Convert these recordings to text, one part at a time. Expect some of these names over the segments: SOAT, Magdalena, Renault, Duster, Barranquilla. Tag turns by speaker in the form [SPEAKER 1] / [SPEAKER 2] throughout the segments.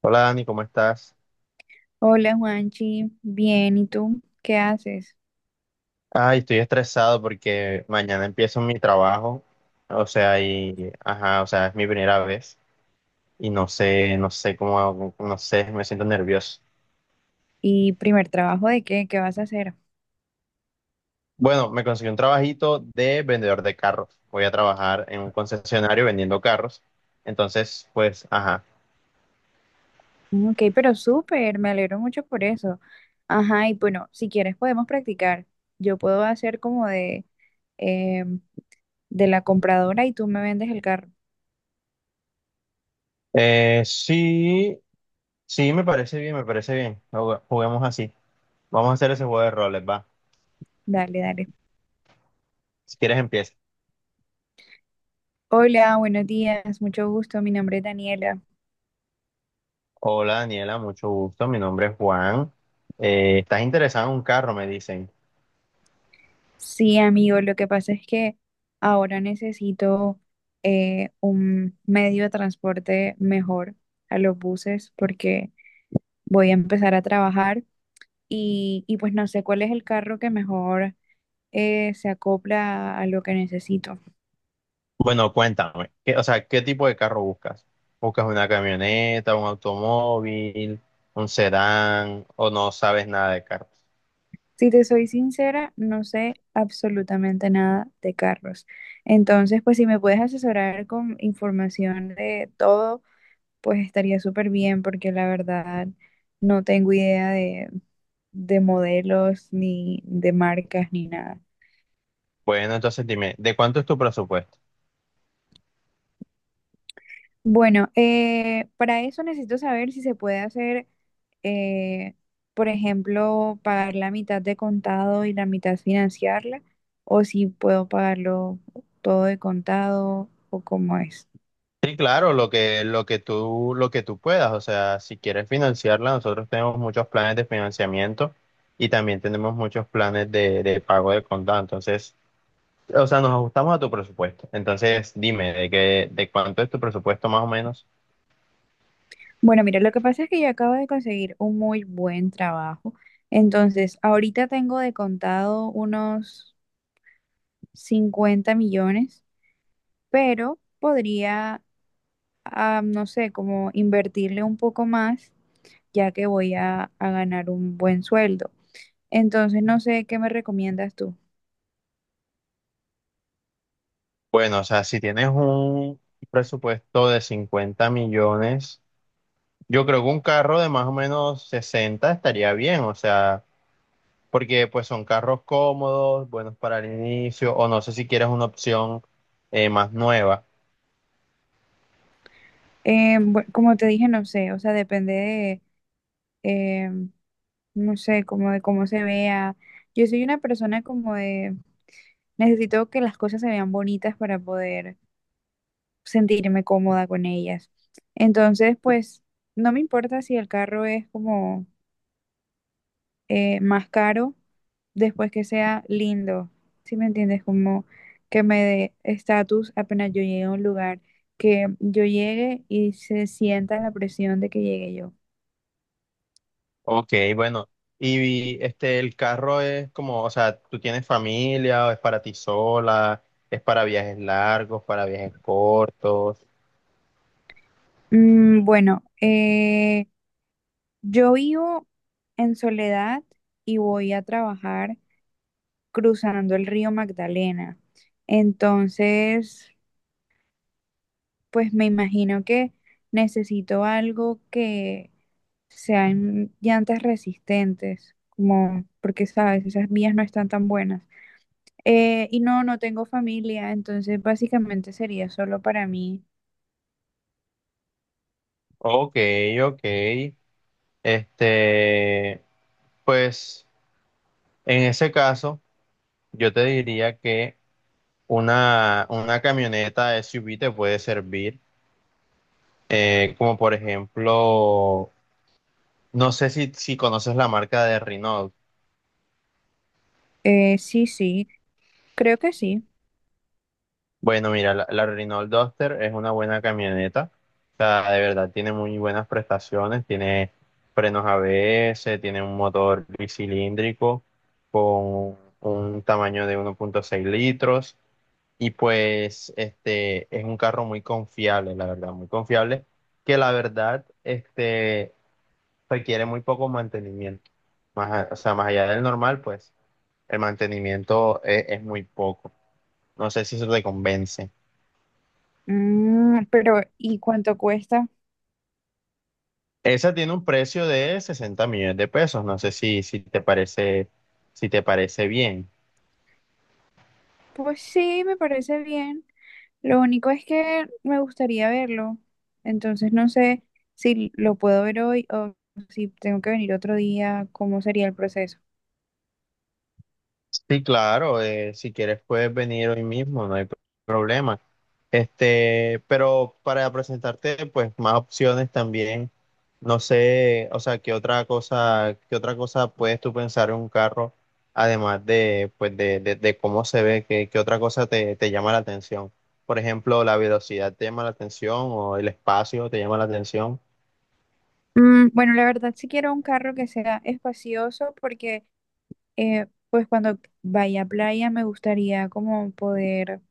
[SPEAKER 1] Hola Dani, ¿cómo estás?
[SPEAKER 2] Hola Juanchi, bien, ¿y tú qué haces?
[SPEAKER 1] Ay, estoy estresado porque mañana empiezo mi trabajo, es mi primera vez y no sé cómo, hago, no sé, me siento nervioso.
[SPEAKER 2] ¿Y primer trabajo de qué? ¿Qué vas a hacer?
[SPEAKER 1] Bueno, me conseguí un trabajito de vendedor de carros. Voy a trabajar en un concesionario vendiendo carros. Entonces, pues, ajá.
[SPEAKER 2] Ok, pero súper, me alegro mucho por eso. Ajá, y bueno, si quieres podemos practicar. Yo puedo hacer como eh, de la compradora y tú me vendes el carro.
[SPEAKER 1] Eh, sí, sí, me parece bien, me parece bien. Juguemos así. Vamos a hacer ese juego de roles, va.
[SPEAKER 2] Dale, dale.
[SPEAKER 1] Si quieres, empieza.
[SPEAKER 2] Hola, buenos días, mucho gusto, mi nombre es Daniela.
[SPEAKER 1] Hola Daniela, mucho gusto. Mi nombre es Juan. ¿estás interesado en un carro? Me dicen.
[SPEAKER 2] Sí, amigo, lo que pasa es que ahora necesito un medio de transporte mejor a los buses porque voy a empezar a trabajar y, pues no sé cuál es el carro que mejor se acopla a lo que necesito.
[SPEAKER 1] Bueno, cuéntame. ¿Qué tipo de carro buscas? ¿Buscas una camioneta, un automóvil, un sedán o no sabes nada de carros?
[SPEAKER 2] Si te soy sincera, no sé absolutamente nada de carros. Entonces, pues si me puedes asesorar con información de todo, pues estaría súper bien porque la verdad no tengo idea de modelos ni de marcas ni nada.
[SPEAKER 1] Bueno, entonces dime, ¿de cuánto es tu presupuesto?
[SPEAKER 2] Bueno, para eso necesito saber si se puede hacer, eh, por ejemplo, pagar la mitad de contado y la mitad financiarla, o si puedo pagarlo todo de contado o cómo es.
[SPEAKER 1] Sí, claro, lo que tú puedas. O sea, si quieres financiarla, nosotros tenemos muchos planes de financiamiento y también tenemos muchos planes de pago de contado. Entonces, o sea, nos ajustamos a tu presupuesto. Entonces, dime, ¿de cuánto es tu presupuesto más o menos?
[SPEAKER 2] Bueno, mira, lo que pasa es que yo acabo de conseguir un muy buen trabajo, entonces ahorita tengo de contado unos 50 millones, pero podría, ah, no sé, como invertirle un poco más ya que voy a ganar un buen sueldo. Entonces, no sé qué me recomiendas tú.
[SPEAKER 1] Bueno, o sea, si tienes un presupuesto de 50 millones, yo creo que un carro de más o menos 60 estaría bien. O sea, porque pues son carros cómodos, buenos para el inicio, o no sé si quieres una opción más nueva.
[SPEAKER 2] Como te dije, no sé, o sea, depende de, eh, no sé, como de cómo se vea. Yo soy una persona como de, necesito que las cosas se vean bonitas para poder sentirme cómoda con ellas. Entonces, pues, no me importa si el carro es como más caro después que sea lindo. ¿Sí me entiendes? Como que me dé estatus apenas yo llegue a un lugar, que yo llegue y se sienta la presión de que llegue yo.
[SPEAKER 1] Ok, bueno. Y este, el carro es como, o sea, ¿tú tienes familia o es para ti sola? ¿Es para viajes largos, para viajes cortos?
[SPEAKER 2] Mm, bueno, yo vivo en Soledad y voy a trabajar cruzando el río Magdalena. Entonces, pues me imagino que necesito algo que sean llantas resistentes, como porque sabes, esas vías no están tan buenas. Y no, no tengo familia, entonces básicamente sería solo para mí.
[SPEAKER 1] Ok, ok. Este, pues en ese caso, yo te diría que una camioneta SUV te puede servir. Como por ejemplo, no sé si, si conoces la marca de Renault.
[SPEAKER 2] Sí, sí, creo que sí.
[SPEAKER 1] Bueno, mira, la Renault Duster es una buena camioneta. O sea, de verdad, tiene muy buenas prestaciones. Tiene frenos ABS, tiene un motor bicilíndrico con un tamaño de 1.6 litros. Y pues, este, es un carro muy confiable, la verdad, muy confiable, que la verdad, este, requiere muy poco mantenimiento. O sea, más allá del normal, pues, el mantenimiento es muy poco. No sé si eso te convence.
[SPEAKER 2] Mm, pero ¿y cuánto cuesta?
[SPEAKER 1] Esa tiene un precio de 60 millones de pesos. No sé si si te parece bien.
[SPEAKER 2] Pues sí, me parece bien. Lo único es que me gustaría verlo. Entonces no sé si lo puedo ver hoy o si tengo que venir otro día, cómo sería el proceso.
[SPEAKER 1] Sí, claro, si quieres puedes venir hoy mismo, no hay problema. Este, pero para presentarte, pues, más opciones también. No sé, o sea, qué otra cosa puedes tú pensar en un carro, además de, pues, de cómo se ve, qué otra cosa te llama la atención. Por ejemplo, la velocidad te llama la atención o el espacio te llama la atención.
[SPEAKER 2] Mm, bueno, la verdad sí quiero un carro que sea espacioso porque pues cuando vaya a playa me gustaría como poder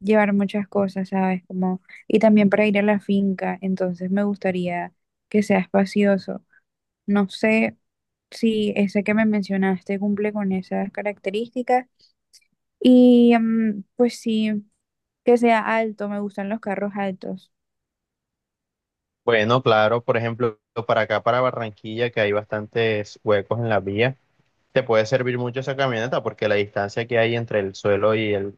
[SPEAKER 2] llevar muchas cosas, ¿sabes? Como, y también para ir a la finca, entonces me gustaría que sea espacioso. No sé si ese que me mencionaste cumple con esas características y mm, pues sí, que sea alto, me gustan los carros altos.
[SPEAKER 1] Bueno, claro, por ejemplo, para acá, para Barranquilla, que hay bastantes huecos en la vía, te puede servir mucho esa camioneta porque la distancia que hay entre el suelo y el,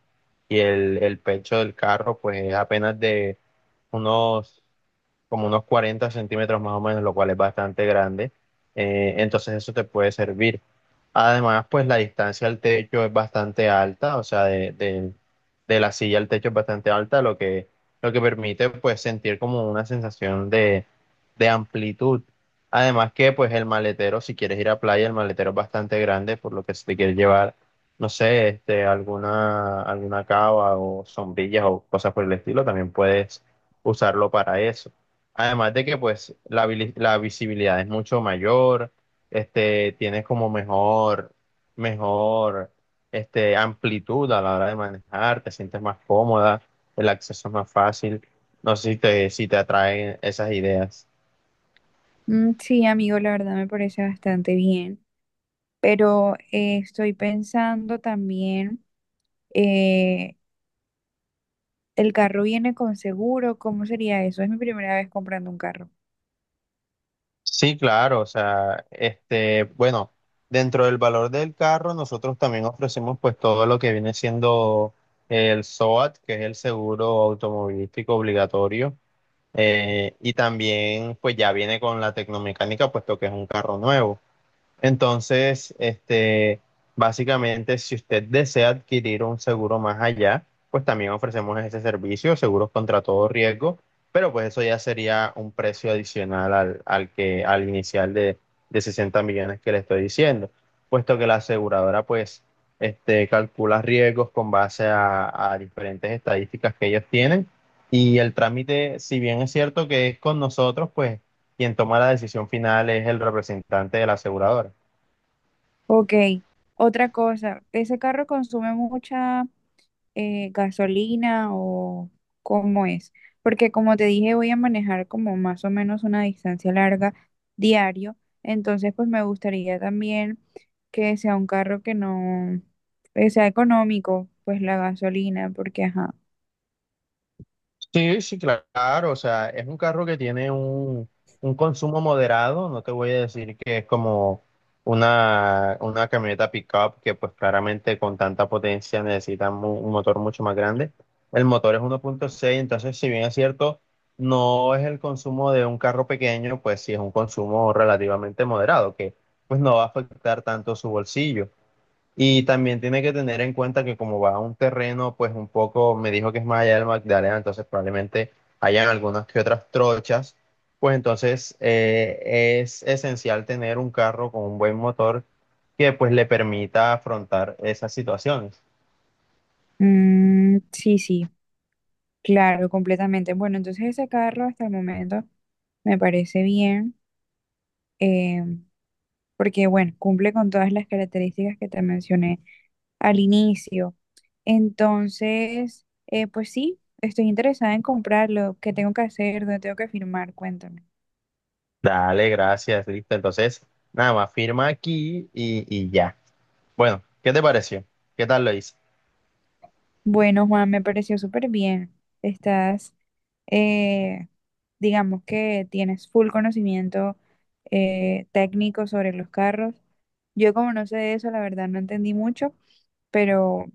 [SPEAKER 1] y el, el pecho del carro, pues es apenas de unos unos 40 centímetros más o menos, lo cual es bastante grande. Entonces eso te puede servir. Además, pues la distancia al techo es bastante alta. O sea, de la silla al techo es bastante alta, lo que permite pues sentir como una sensación de amplitud. Además que pues el maletero, si quieres ir a playa, el maletero es bastante grande, por lo que si te quieres llevar, no sé, este, alguna cava o sombrillas o cosas por el estilo, también puedes usarlo para eso. Además de que pues la visibilidad es mucho mayor, este, tienes como mejor amplitud a la hora de manejar, te sientes más cómoda, el acceso es más fácil. No sé si te atraen esas ideas.
[SPEAKER 2] Mm, sí, amigo, la verdad me parece bastante bien. Pero estoy pensando también, eh, ¿el carro viene con seguro? ¿Cómo sería eso? Es mi primera vez comprando un carro.
[SPEAKER 1] Sí, claro, o sea, este, bueno, dentro del valor del carro, nosotros también ofrecemos pues todo lo que viene siendo el SOAT, que es el seguro automovilístico obligatorio. Y también pues ya viene con la tecnomecánica, puesto que es un carro nuevo. Entonces, este, básicamente, si usted desea adquirir un seguro más allá, pues también ofrecemos ese servicio, seguros contra todo riesgo, pero pues eso ya sería un precio adicional al inicial de 60 millones que le estoy diciendo, puesto que la aseguradora pues este, calcula riesgos con base a diferentes estadísticas que ellos tienen y el trámite, si bien es cierto que es con nosotros, pues quien toma la decisión final es el representante de la aseguradora.
[SPEAKER 2] Ok, otra cosa, ¿ese carro consume mucha gasolina o cómo es? Porque como te dije, voy a manejar como más o menos una distancia larga diario, entonces pues me gustaría también que sea un carro que no, que sea económico, pues la gasolina, porque ajá.
[SPEAKER 1] Sí, sí, claro, o sea, es un carro que tiene un consumo moderado. No te voy a decir que es como una camioneta pickup que pues claramente con tanta potencia necesita un motor mucho más grande. El motor es 1.6, entonces si bien es cierto, no es el consumo de un carro pequeño, pues sí es un consumo relativamente moderado, que pues no va a afectar tanto su bolsillo. Y también tiene que tener en cuenta que como va a un terreno, pues un poco, me dijo que es más allá del Magdalena, entonces probablemente hayan algunas que otras trochas, pues entonces es esencial tener un carro con un buen motor que pues le permita afrontar esas situaciones.
[SPEAKER 2] Mm, sí, sí, claro, completamente. Bueno, entonces ese carro hasta el momento me parece bien, eh, porque bueno, cumple con todas las características que te mencioné al inicio. Entonces, pues sí, estoy interesada en comprarlo. ¿Qué tengo que hacer? ¿Dónde tengo que firmar? Cuéntame.
[SPEAKER 1] Dale, gracias, listo. Entonces, nada más firma aquí y ya. Bueno, ¿qué te pareció? ¿Qué tal lo hice?
[SPEAKER 2] Bueno, Juan, me pareció súper bien. Estás, eh, digamos que tienes full conocimiento técnico sobre los carros. Yo como no sé de eso, la verdad no entendí mucho, pero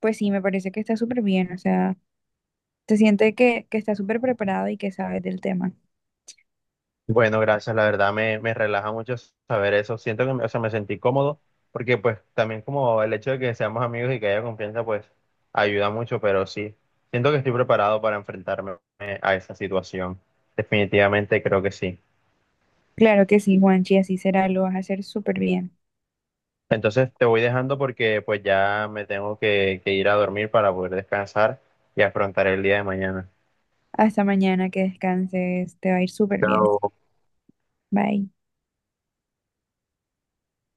[SPEAKER 2] pues sí, me parece que está súper bien. O sea, se siente que estás súper preparado y que sabes del tema.
[SPEAKER 1] Bueno, gracias, la verdad me relaja mucho saber eso. Siento que me, o sea, me sentí cómodo porque pues también como el hecho de que seamos amigos y que haya confianza pues ayuda mucho, pero sí, siento que estoy preparado para enfrentarme a esa situación. Definitivamente creo que sí.
[SPEAKER 2] Claro que sí, Juanchi, así será, lo vas a hacer súper bien.
[SPEAKER 1] Entonces te voy dejando porque pues ya me tengo que ir a dormir para poder descansar y afrontar el día de mañana.
[SPEAKER 2] Hasta mañana, que descanses, te va a ir súper bien.
[SPEAKER 1] Chao.
[SPEAKER 2] Bye.